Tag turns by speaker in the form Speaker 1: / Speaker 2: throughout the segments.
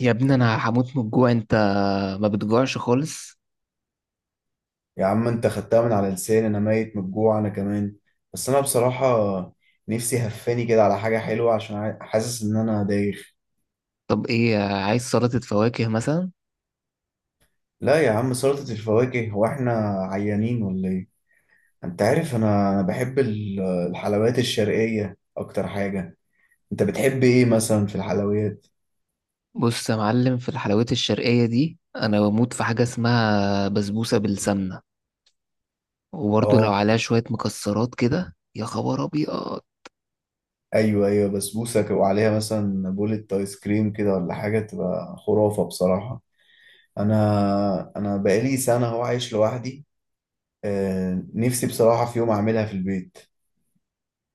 Speaker 1: يا ابني انا هموت من الجوع. انت ما بتجوعش خالص؟
Speaker 2: يا عم، انت خدتها من على لساني. انا ميت من الجوع انا كمان. بس انا بصراحة نفسي هفاني كده على حاجة حلوة عشان حاسس ان انا دايخ.
Speaker 1: طب ايه، عايز سلطة فواكه مثلا؟
Speaker 2: لا يا عم، سلطة الفواكه، هو احنا عيانين ولا ايه؟ انت عارف انا بحب الحلويات الشرقية اكتر حاجة. انت بتحب ايه مثلا في الحلويات؟
Speaker 1: بص يا معلم، في الحلويات الشرقية دي انا بموت في حاجة اسمها بسبوسة بالسمنة، وبرضه لو
Speaker 2: اه،
Speaker 1: عليها شوية مكسرات كده يا خبر ابيض.
Speaker 2: ايوه ايوه، بسبوسة وعليها مثلا بولة ايس كريم كده ولا حاجة، تبقى خرافة بصراحة. انا بقالي سنة هو عايش لوحدي. نفسي بصراحة في يوم أعملها في البيت.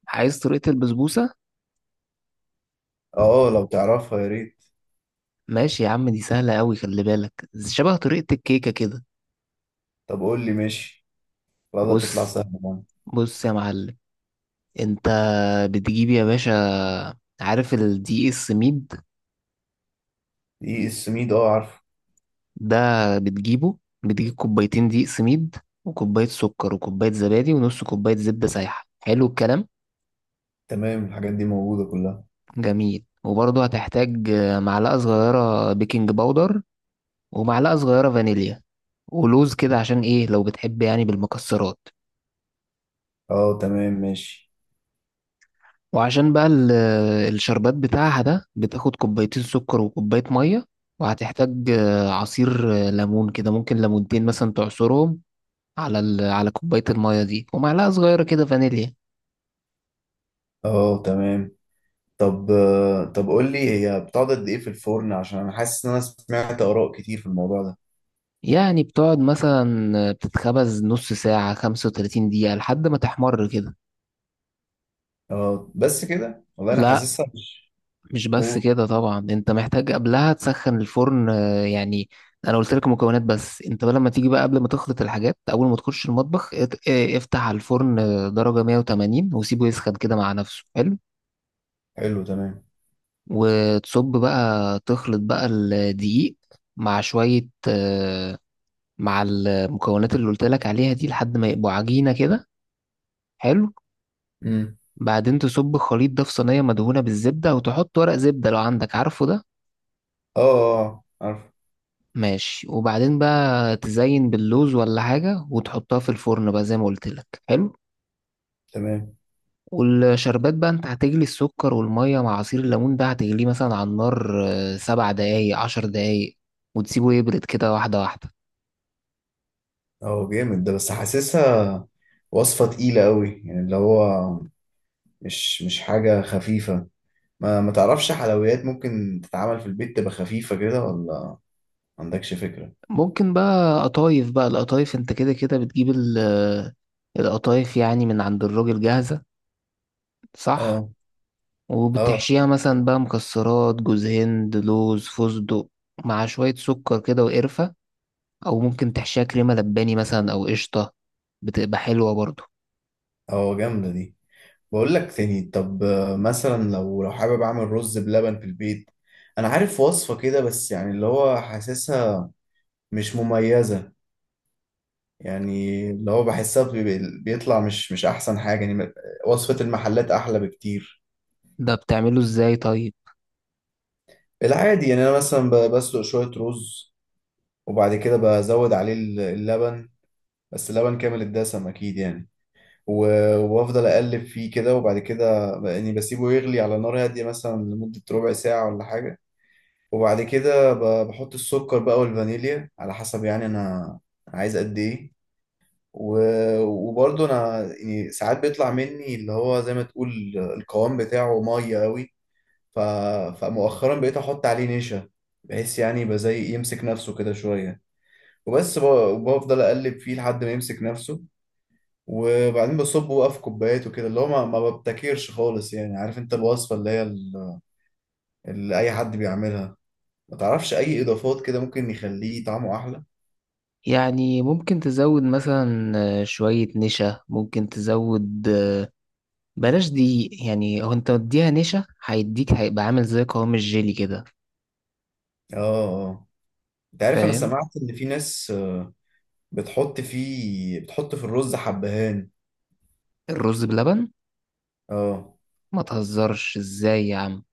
Speaker 1: عايز طريقة البسبوسة؟
Speaker 2: اه، لو تعرفها يا ريت.
Speaker 1: ماشي يا عم، دي سهلة قوي، خلي بالك، شبه طريقة الكيكة كده.
Speaker 2: طب قول لي ماشي، والله تطلع
Speaker 1: بص
Speaker 2: سهلة بقى؟
Speaker 1: بص يا معلم، انت بتجيب يا باشا، عارف الدي اس ميد
Speaker 2: دقيق السميد، اه عارفه.
Speaker 1: ده؟ بتجيبه، بتجيب كوبايتين دقيق سميد وكوباية سكر وكوباية زبادي ونص كوباية زبدة سايحة، حلو الكلام.
Speaker 2: تمام، الحاجات دي موجودة كلها.
Speaker 1: جميل، وبرضه هتحتاج معلقة صغيرة بيكنج باودر ومعلقة صغيرة فانيليا ولوز كده، عشان ايه؟ لو بتحب يعني بالمكسرات.
Speaker 2: اه تمام ماشي.
Speaker 1: وعشان بقى الشربات بتاعها ده بتاخد كوبايتين سكر وكوباية مية، وهتحتاج عصير ليمون كده، ممكن ليمونتين مثلا تعصرهم على على كوباية المية دي، ومعلقة صغيرة كده فانيليا.
Speaker 2: اه تمام. طب قول لي، هي بتقعد قد ايه في الفرن؟ عشان انا حاسس ان انا سمعت آراء كتير في الموضوع ده.
Speaker 1: يعني بتقعد مثلا، بتتخبز نص ساعة 35 دقيقة لحد ما تحمر كده.
Speaker 2: اه بس كده، والله انا
Speaker 1: لا
Speaker 2: حاسسها مش.
Speaker 1: مش بس
Speaker 2: اوه.
Speaker 1: كده طبعا، انت محتاج قبلها تسخن الفرن يعني انا قلت لك مكونات، بس انت بقى لما تيجي بقى قبل ما تخلط الحاجات، اول ما تخش المطبخ افتح على الفرن درجة 180 وسيبه يسخن كده مع نفسه، حلو.
Speaker 2: حلو تمام.
Speaker 1: وتصب بقى، تخلط بقى الدقيق مع شوية آه، مع المكونات اللي قلت لك عليها دي لحد ما يبقوا عجينة كده، حلو.
Speaker 2: امم.
Speaker 1: بعدين تصب الخليط ده في صينية مدهونة بالزبدة، وتحط ورق زبدة لو عندك، عارفه ده؟
Speaker 2: اه اه، عارفه.
Speaker 1: ماشي، وبعدين بقى تزين باللوز ولا حاجة وتحطها في الفرن بقى زي ما قلت لك، حلو.
Speaker 2: تمام.
Speaker 1: والشربات بقى انت هتجلي السكر والمية مع عصير الليمون ده، هتجليه مثلا على النار سبع دقايق عشر دقايق وتسيبه يبرد كده واحدة واحدة.
Speaker 2: اه جامد ده، بس حاسسها وصفة تقيلة قوي، يعني اللي هو مش حاجة خفيفة. ما تعرفش حلويات ممكن تتعمل في البيت تبقى خفيفة كده، ولا ما عندكش فكرة؟
Speaker 1: ممكن بقى قطايف، بقى القطايف انت كده كده بتجيب القطايف يعني من عند الراجل جاهزة، صح؟
Speaker 2: اه اه.
Speaker 1: وبتحشيها مثلا بقى مكسرات، جوز هند، لوز، فستق، مع شوية سكر كده وقرفة. أو ممكن تحشيها كريمة لباني مثلا أو قشطة، بتبقى حلوة برضو.
Speaker 2: اه جامدة دي. بقول لك تاني، طب مثلا لو حابب اعمل رز بلبن في البيت، انا عارف وصفة كده بس يعني اللي هو حاسسها مش مميزة. يعني اللي هو بحسها بيطلع مش احسن حاجة يعني، وصفة المحلات احلى بكتير.
Speaker 1: ده بتعمله ازاي طيب؟
Speaker 2: العادي يعني انا مثلا بسلق شوية رز، وبعد كده بزود عليه اللبن، بس لبن كامل الدسم اكيد يعني. وافضل اقلب فيه كده، وبعد كده يعني بسيبه يغلي على نار هاديه مثلا لمده ربع ساعه ولا حاجه. وبعد كده بحط السكر بقى والفانيليا على حسب يعني انا عايز قد ايه. وبرضه انا يعني ساعات بيطلع مني اللي هو زي ما تقول القوام بتاعه ميه قوي. ف... فمؤخرا بقيت احط عليه نشا، بحيث يعني يبقى زي يمسك نفسه كده شويه. وبس وبفضل اقلب فيه لحد ما يمسك نفسه. وبعدين بصبه بقى في كوبايات وكده، اللي هو ما ببتكرش خالص يعني. عارف انت الوصفة اللي هي اللي اي حد بيعملها، ما تعرفش اي اضافات كده ممكن يخليه طعمه احلى؟
Speaker 1: يعني ممكن تزود مثلا شوية نشا، ممكن تزود بلاش دي، يعني هو انت مديها نشا هيديك، هيبقى عامل زي قوام الجيلي كده،
Speaker 2: اه اه. انت عارف انا
Speaker 1: فاهم؟
Speaker 2: سمعت ان في ناس، بتحط في الرز حبهان.
Speaker 1: الرز بلبن؟
Speaker 2: اه
Speaker 1: ما تهزرش ازاي يا عم.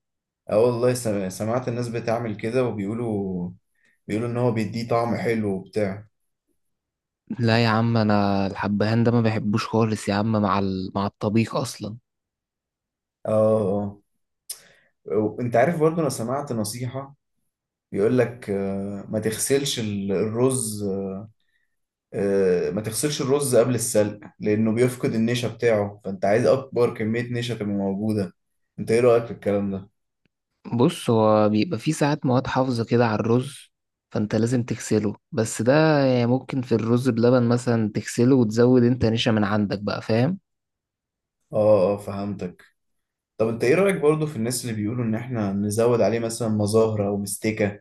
Speaker 2: اه. والله سمعت الناس بتعمل كده وبيقولوا. بيقولوا ان هو بيديه طعم حلو وبتاع.
Speaker 1: لا يا عم، انا الحبهان ده ما بحبوش خالص يا عم، مع مع الطبيخ اصلا.
Speaker 2: اه اه. وانت عارف برضو انا سمعت نصيحة، بيقول لك ما تغسلش الرز، ما تغسلش الرز قبل السلق لأنه بيفقد النشا بتاعه، فأنت عايز أكبر كمية نشا تبقى موجودة. أنت إيه رأيك في الكلام ده؟
Speaker 1: بص، هو بيبقى فيه ساعات مواد حافظة كده على الرز، فانت لازم تغسله، بس ده يعني ممكن في الرز بلبن مثلا تغسله وتزود انت نشا من عندك بقى، فاهم؟
Speaker 2: آه آه، فهمتك. طب أنت إيه رأيك برضو في الناس اللي بيقولوا إن إحنا نزود عليه مثلا مزهرة أو مستكة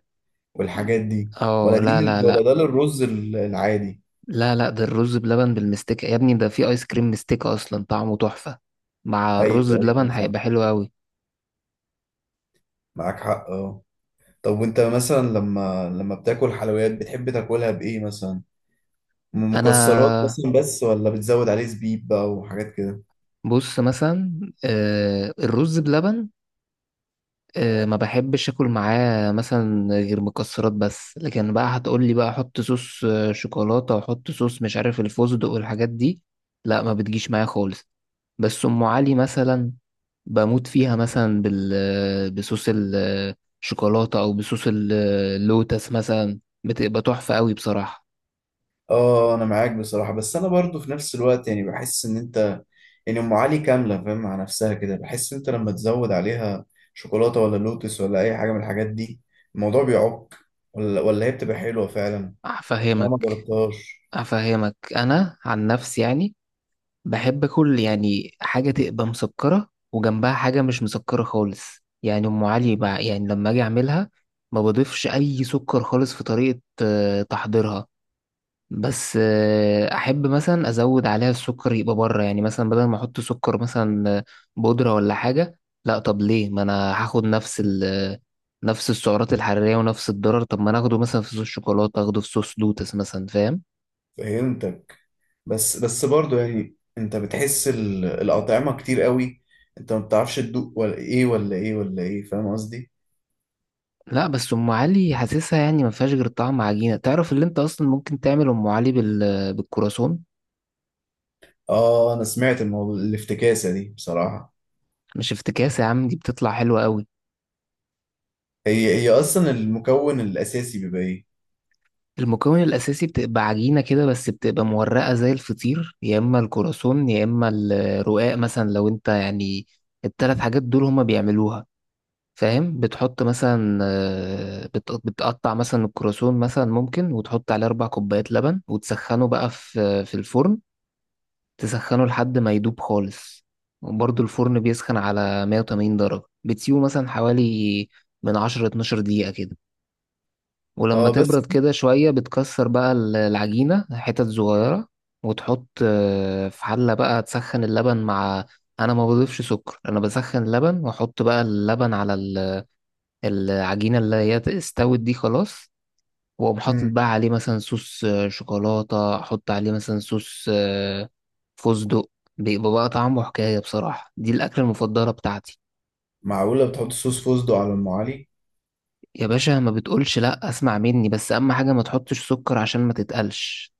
Speaker 2: والحاجات دي؟ ولا
Speaker 1: اه لا
Speaker 2: دي
Speaker 1: لا
Speaker 2: ولا
Speaker 1: لا
Speaker 2: ده للرز العادي؟
Speaker 1: لا ده الرز بلبن بالمستكة يا ابني، ده فيه ايس كريم مستكة اصلا طعمه تحفة، مع
Speaker 2: أيوه
Speaker 1: الرز
Speaker 2: أيوه،
Speaker 1: بلبن
Speaker 2: صح.
Speaker 1: هيبقى حلو قوي.
Speaker 2: معاك حق، آه. طب وأنت مثلا لما بتاكل حلويات بتحب تاكلها بإيه مثلا؟ مكسرات
Speaker 1: انا
Speaker 2: مثلا بس، ولا بتزود عليه زبيب بقى وحاجات كده؟
Speaker 1: بص مثلا، آه الرز بلبن ما بحبش اكل معاه مثلا غير مكسرات بس، لكن بقى هتقولي بقى احط صوص شوكولاتة واحط صوص مش عارف الفستق والحاجات دي، لا ما بتجيش معايا خالص. بس ام علي مثلا بموت فيها مثلا بال آه، بصوص الشوكولاتة او بصوص اللوتس مثلا، بتبقى تحفة قوي بصراحة.
Speaker 2: اه، انا معاك بصراحه. بس انا برضو في نفس الوقت يعني بحس ان انت، يعني ام علي كامله فاهم مع نفسها كده، بحس ان انت لما تزود عليها شوكولاته ولا لوتس ولا اي حاجه من الحاجات دي، الموضوع بيعك ولا هي بتبقى حلوه فعلا؟ عشان انا ما
Speaker 1: هفهمك،
Speaker 2: جربتهاش.
Speaker 1: هفهمك انا عن نفسي يعني، بحب اكل يعني حاجه تبقى مسكره وجنبها حاجه مش مسكره خالص. يعني ام علي بقى، يعني لما اجي اعملها ما بضيفش اي سكر خالص في طريقه تحضيرها. بس احب مثلا ازود عليها السكر يبقى بره، يعني مثلا بدل ما احط سكر مثلا بودره ولا حاجه، لا طب ليه؟ ما انا هاخد نفس ال آه، نفس السعرات الحراريه ونفس الضرر، طب ما انا اخده مثلا في صوص شوكولاته، اخده في صوص لوتس مثلا، فاهم؟
Speaker 2: فهمتك. بس برضو يعني انت بتحس الاطعمه كتير قوي، انت ما بتعرفش تدوق ولا ايه ولا ايه ولا ايه، فاهم قصدي؟
Speaker 1: لا بس ام علي حاسسها يعني ما فيهاش غير طعم عجينه، تعرف اللي انت اصلا ممكن تعمل ام علي بالكرواسون.
Speaker 2: اه، انا سمعت الموضوع الافتكاسه دي بصراحه.
Speaker 1: مش افتكاس يا عم، دي بتطلع حلوه قوي.
Speaker 2: هي اصلا المكون الاساسي بيبقى ايه؟
Speaker 1: المكون الاساسي بتبقى عجينه كده، بس بتبقى مورقه زي الفطير، يا اما الكرواسون يا اما الرقاق مثلا، لو انت يعني التلات حاجات دول هما بيعملوها، فاهم؟ بتحط مثلا بتقطع مثلا الكرواسون مثلا ممكن، وتحط عليه اربع كوبايات لبن وتسخنه بقى في الفرن، تسخنه لحد ما يدوب خالص. وبرضه الفرن بيسخن على 180 درجة، بتسيبه مثلا حوالي من 10 12 دقيقة كده. ولما
Speaker 2: اه بس.
Speaker 1: تبرد كده شوية بتكسر بقى العجينة حتت صغيرة، وتحط في حلة بقى تسخن اللبن مع، أنا ما بضيفش سكر، أنا بسخن اللبن وأحط بقى اللبن على العجينة اللي هي استوت دي خلاص. وأقوم حاطط
Speaker 2: مم.
Speaker 1: بقى عليه مثلا صوص شوكولاتة، أحط عليه مثلا صوص فستق، بيبقى بقى طعمه حكاية بصراحة، دي الأكلة المفضلة بتاعتي.
Speaker 2: معقولة بتحط صوص فوسدو على ام علي؟
Speaker 1: يا باشا ما بتقولش لأ، أسمع مني بس، أهم حاجة ما تحطش سكر عشان ما تتقلش.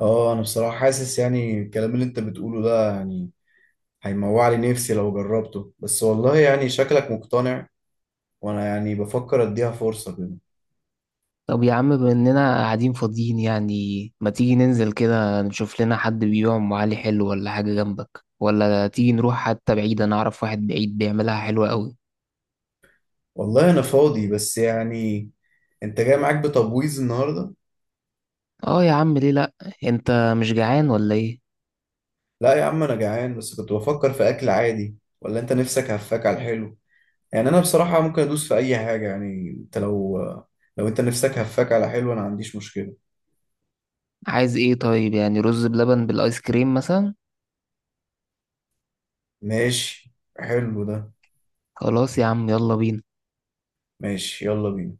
Speaker 2: اه، انا بصراحة حاسس يعني الكلام اللي انت بتقوله ده يعني هيموع لي نفسي لو جربته، بس والله يعني شكلك مقتنع وانا يعني بفكر اديها فرصة كده.
Speaker 1: طب يا عم، بما إننا قاعدين فاضيين يعني، ما تيجي ننزل كده نشوف لنا حد بيبيع أم علي حلو ولا حاجة جنبك، ولا تيجي نروح حتى بعيد، أنا أعرف واحد بعيد بيعملها حلوة أوي.
Speaker 2: والله انا فاضي، بس يعني انت جاي معاك بتبويظ النهاردة.
Speaker 1: اه يا عم ليه لأ، أنت مش جعان ولا إيه؟
Speaker 2: لا يا عم، انا جعان، بس كنت بفكر في اكل عادي، ولا انت نفسك هفاك على الحلو؟ يعني انا بصراحة ممكن ادوس في اي حاجة، يعني انت لو انت نفسك هفاك على حلو انا ما عنديش مشكلة.
Speaker 1: عايز ايه طيب؟ يعني رز بلبن بالايس كريم مثلا؟
Speaker 2: ماشي، حلو ده.
Speaker 1: خلاص يا عم، يلا بينا.
Speaker 2: ماشي، يلا بينا.